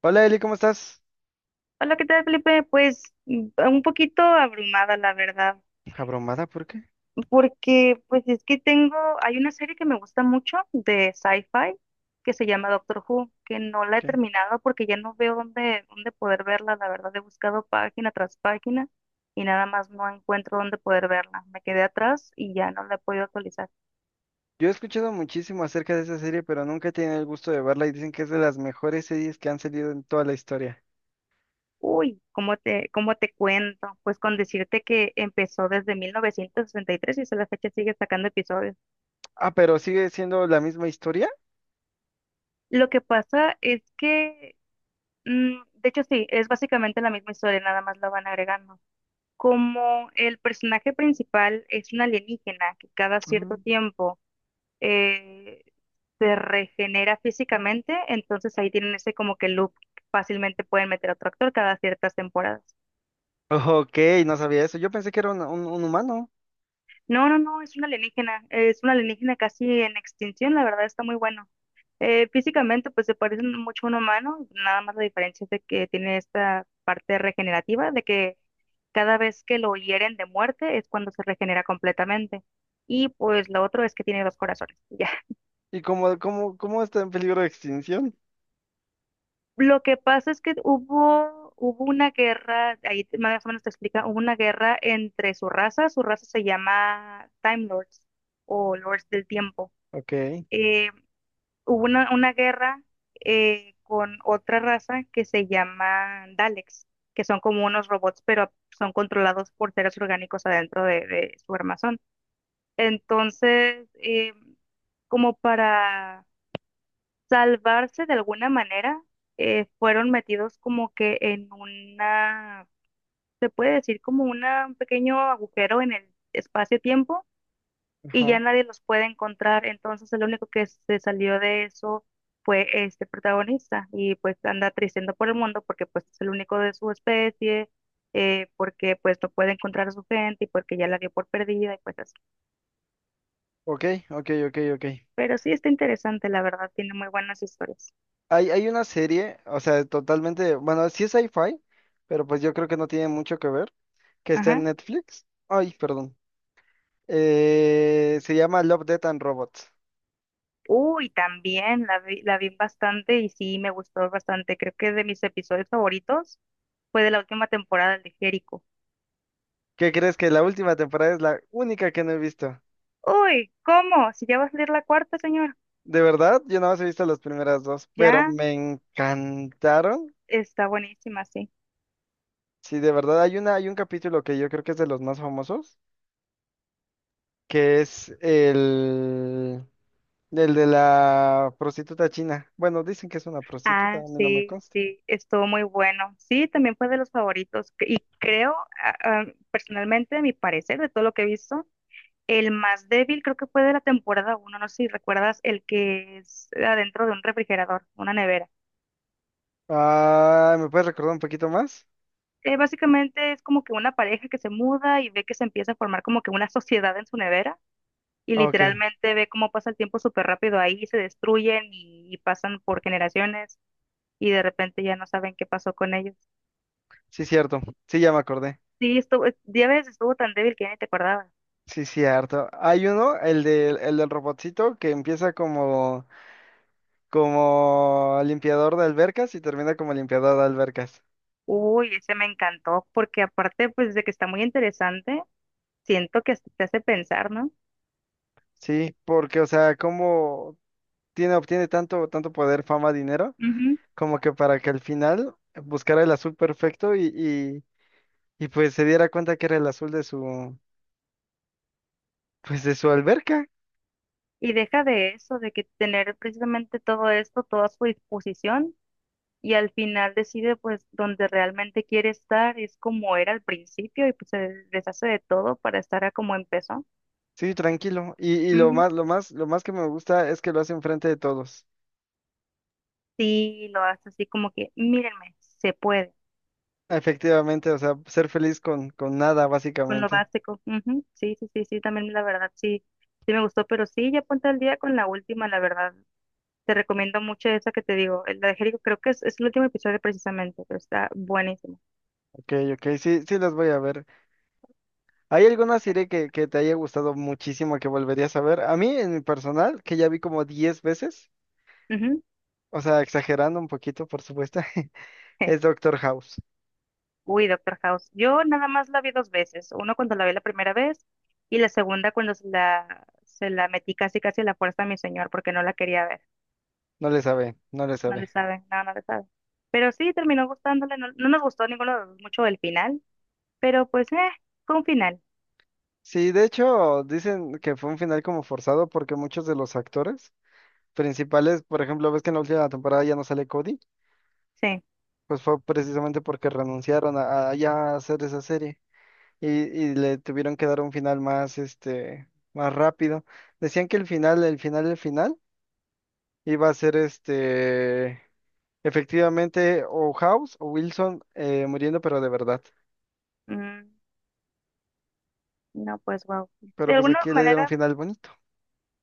Hola Eli, ¿cómo estás? Hola, ¿qué tal, Felipe? Pues un poquito abrumada, la verdad, ¿Abrumada por qué? porque pues es que hay una serie que me gusta mucho de sci-fi que se llama Doctor Who, que no la he ¿Qué? terminado porque ya no veo dónde poder verla, la verdad, he buscado página tras página y nada más no encuentro dónde poder verla. Me quedé atrás y ya no la he podido actualizar. Yo he escuchado muchísimo acerca de esa serie, pero nunca he tenido el gusto de verla y dicen que es de las mejores series que han salido en toda la historia. Uy, ¿cómo te cuento? Pues con decirte que empezó desde 1963 y tres y hasta la fecha sigue sacando episodios. Ah, pero sigue siendo la misma historia. Lo que pasa es que de hecho, sí, es básicamente la misma historia, nada más la van agregando. Como el personaje principal es un alienígena que cada cierto Mm. tiempo eh, se regenera físicamente, entonces ahí tienen ese como que loop, fácilmente pueden meter a otro actor cada ciertas temporadas. Ok, no sabía eso. Yo pensé que era un humano. No, no, no, es una alienígena casi en extinción, la verdad está muy bueno. Físicamente, pues se parece mucho a un humano, nada más la diferencia es de que tiene esta parte regenerativa, de que cada vez que lo hieren de muerte es cuando se regenera completamente. Y pues lo otro es que tiene dos corazones, ya. ¿Y cómo está en peligro de extinción? Lo que pasa es que hubo una guerra, ahí más o menos te explica, hubo una guerra entre su raza se llama Time Lords o Lords del Tiempo. Ok, Eh, hubo una guerra con otra raza que se llama Daleks, que son como unos robots, pero son controlados por seres orgánicos adentro de su armazón. Entonces, como para salvarse de alguna manera, fueron metidos como que en se puede decir como un pequeño agujero en el espacio-tiempo y ya ajá. nadie los puede encontrar. Entonces el único que se salió de eso fue este protagonista y pues anda tristendo por el mundo porque pues es el único de su especie, porque pues no puede encontrar a su gente y porque ya la dio por perdida y pues así. Ok, ok. Pero sí está interesante, la verdad, tiene muy buenas historias. Hay una serie, o sea, totalmente, bueno, sí es sci-fi, pero pues yo creo que no tiene mucho que ver, que está en Ajá. Netflix. Ay, perdón. Se llama Love, Death and Robots. Uy, también la vi bastante y sí me gustó bastante. Creo que de mis episodios favoritos fue de la última temporada el de Jericho. ¿Qué crees que la última temporada es la única que no he visto? Uy, ¿cómo? Si ya va a salir la cuarta, señor. De verdad, yo nada más he visto las primeras dos, pero Ya. me encantaron. Está buenísima, sí. Sí, de verdad, hay un capítulo que yo creo que es de los más famosos, que es el de la prostituta china. Bueno, dicen que es una prostituta, Ah, a mí no me sí, consta. sí, estuvo muy bueno. Sí, también fue de los favoritos. Y creo, a- a- personalmente, a mi parecer, de todo lo que he visto, el más débil creo que fue de la temporada uno. No sé si recuerdas el que es adentro de un refrigerador, una nevera. Ah, ¿me puedes recordar un poquito más? Básicamente es como que una pareja que se muda y ve que se empieza a formar como que una sociedad en su nevera y Ok, literalmente ve cómo pasa el tiempo súper rápido ahí, se destruyen y pasan por generaciones y de repente ya no saben qué pasó con ellos. sí, cierto, sí, ya me acordé. Sí, estuvo, ya ves, estuvo tan débil que ya ni te acordabas. Sí, cierto. Hay uno, el del robotcito, que empieza como limpiador de albercas y termina como limpiador de albercas. Uy, ese me encantó, porque aparte, pues, de que está muy interesante, siento que hasta te hace pensar, ¿no? Sí, porque, o sea, cómo obtiene tanto poder, fama, dinero, Ujú. como que para que al final buscara el azul perfecto y pues se diera cuenta que era el azul de su, pues de su alberca. Y deja de eso, de que tener precisamente todo esto, toda su disposición, y al final decide, pues, donde realmente quiere estar, es como era al principio, y pues se deshace de todo para estar a como empezó. Sí, tranquilo. Y lo Ujú. más, lo más, lo más que me gusta es que lo hace enfrente de todos. Sí, lo hace así como que, mírenme, se puede. Efectivamente, o sea, ser feliz con nada, Con lo básicamente. básico. Ujú. Sí, sí, sí, sí, también la verdad, sí, sí me gustó, pero sí, ya ponte al día con la última, la verdad. Te recomiendo mucho esa que te digo, la de Jericho, creo que es el último episodio precisamente, pero está buenísimo. Ok, sí, sí las voy a ver. ¿Hay alguna serie que te haya gustado muchísimo que volverías a ver? A mí, en mi personal, que ya vi como 10 veces, Ujú. o sea, exagerando un poquito, por supuesto, es Doctor House. Uy, Doctor House. Yo nada más la vi dos veces. Uno cuando la vi la primera vez y la segunda cuando se la metí casi casi a la fuerza a mi señor porque no la quería ver. No le sabe, no le No le sabe. sabe, no, no le sabe. Pero sí, terminó gustándole. No, no nos gustó ninguno de los dos mucho el final, pero pues, fue un final. Sí, de hecho, dicen que fue un final como forzado porque muchos de los actores principales, por ejemplo, ves que en la última temporada ya no sale Cody, Sí. pues fue precisamente porque renunciaron a ya hacer esa serie. Y, y le tuvieron que dar un final más, este, más rápido. Decían que el final iba a ser este, efectivamente, o House o Wilson muriendo, pero de verdad. Mm, no, pues wow. De Pero pues alguna aquí le dieron manera, final bonito.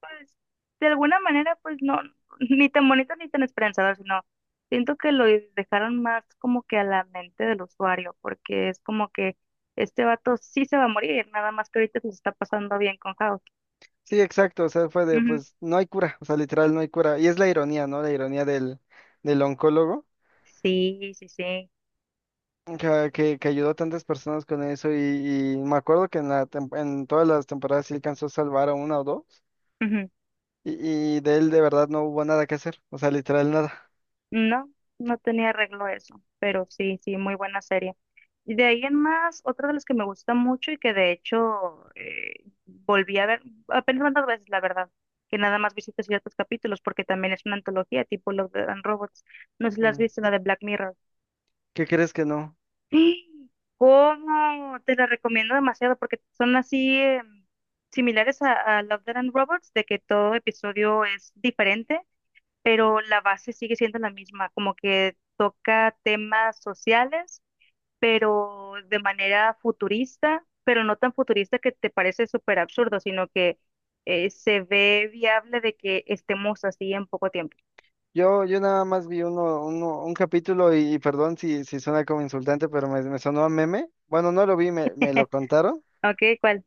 pues, de alguna manera, pues no, ni tan bonito ni tan esperanzador, sino siento que lo dejaron más como que a la mente del usuario, porque es como que este vato sí se va a morir, nada más que ahorita se está pasando bien con House. Sí, exacto, o sea, fue de, Ujú. pues no hay cura, o sea, literal no hay cura. Y es la ironía, ¿no? La ironía del oncólogo. Sí, sí, sí. Que ayudó a tantas personas con eso y me acuerdo que en en todas las temporadas sí alcanzó a salvar a una o dos. Ujú. Y de él de verdad no hubo nada que hacer, o sea, literal nada. No, no tenía arreglo eso, pero sí, sí, muy buena serie. Y de ahí en más, otra de las que me gusta mucho y que de hecho volví a ver apenas tantas veces, la verdad, que nada más visité ciertos capítulos porque también es una antología tipo Love, Death and Robots. No sé si la has Mm. visto, la de Black Mirror. ¿Qué crees que no? ¡Ah! ¿Cómo? Te la recomiendo demasiado porque son así similares a Love, Death and Robots, de que todo episodio es diferente pero la base sigue siendo la misma, como que toca temas sociales, pero de manera futurista, pero no tan futurista que te parece súper absurdo, sino que se ve viable de que estemos así en poco tiempo. Yo nada más vi un capítulo y perdón si, si suena como insultante, pero me sonó a meme. Bueno, no lo vi, me lo contaron. Ok, ¿cuál?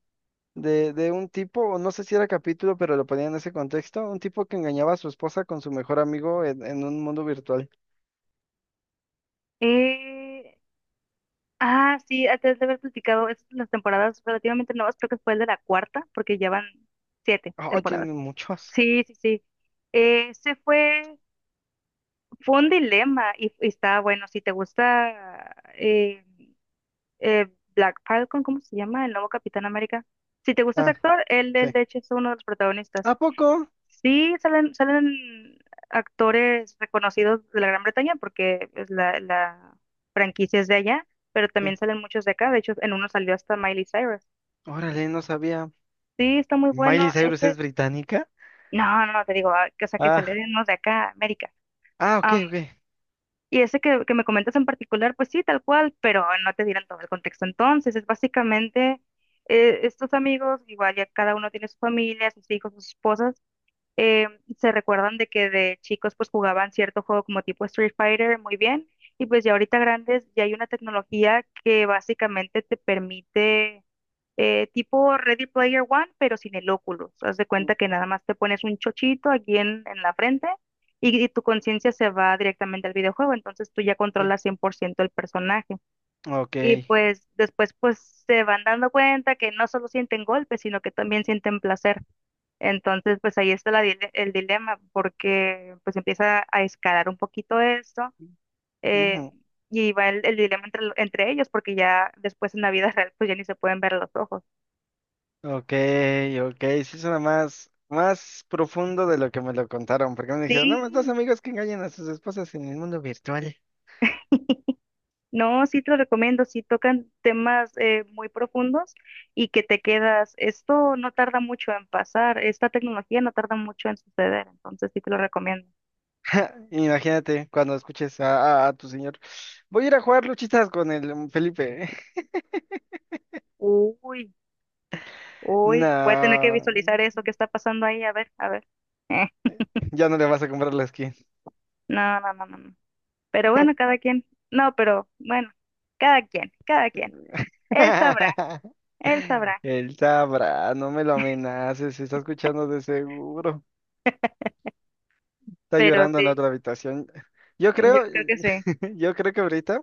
De un tipo, o no sé si era capítulo, pero lo ponían en ese contexto, un tipo que engañaba a su esposa con su mejor amigo en un mundo virtual. Eh, ah, sí, antes de haber platicado, es las temporadas relativamente nuevas, creo que fue el de la cuarta, porque ya van siete Oh, temporadas. tienen muchos. Sí, sí, sí. Ese fue un dilema y está bueno. Si te gusta eh, Black Falcon, ¿cómo se llama? El nuevo Capitán América. Si te gusta ese Ah, actor, él, sí. él de hecho es uno de los ¿A protagonistas. poco? Sí salen, salen actores reconocidos de la Gran Bretaña porque pues, la franquicia es de allá, pero Sí. también salen muchos de acá. De hecho, en uno salió hasta Miley Cyrus. Órale, no sabía. Sí, está muy bueno. ¿Miley Cyrus es Ese, británica? no, no, te digo, ah, o sea, que Ah, salieron unos de acá, América. ah, ok, ok. Y ese que me comentas en particular, pues sí, tal cual, pero no te dieron todo el contexto. Entonces, es básicamente estos amigos, igual ya cada uno tiene su familia, sus hijos, sus esposas, eh, se recuerdan de que de chicos pues jugaban cierto juego como tipo Street Fighter muy bien, y pues ya ahorita grandes ya hay una tecnología que básicamente te permite tipo Ready Player One, pero sin el óculos. Haz de Mm, cuenta que nada más te pones un chochito aquí en la frente y tu conciencia se va directamente al videojuego, entonces tú ya ok. controlas 100% el personaje. Ok, Y pues después pues se van dando cuenta que no solo sienten golpes, sino que también sienten placer. Entonces pues ahí está el dilema, porque pues empieza a escalar un poquito esto. eh, ujú, y va el dilema entre, entre ellos, porque ya después en la vida real, pues ya ni se pueden ver los ojos. ok, ok, sí suena más, más profundo de lo que me lo contaron, porque me dijeron, no, más dos Sí, amigos que engañan a sus esposas en el mundo virtual. no, sí te lo recomiendo, sí tocan temas muy profundos y que te quedas, esto no tarda mucho en pasar, esta tecnología no tarda mucho en suceder, entonces sí te lo recomiendo. Imagínate cuando escuches a, a tu señor, voy a ir a jugar luchitas con el Felipe. Uy, uy, voy a tener que No, visualizar eso que está pasando ahí, a ver, a ver. Eh, ya no le vas a comprar la skin. no, no, no, no, no. Pero bueno, cada quien, no, pero bueno, cada quien, cada quien. Él sabrá, él sabrá, Él sabrá, no me lo amenaces, se está escuchando de seguro. Está pero llorando en la sí, otra habitación. Yo yo creo, creo que sí. yo creo que ahorita.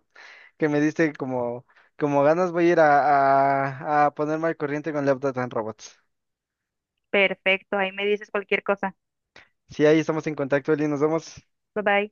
Que me diste como, como ganas, voy a ir a ponerme al corriente con Love, Death and Robots. Perfecto, ahí me dices cualquier cosa. Sí, ahí estamos en contacto, Eli, nos vemos. Bye bye.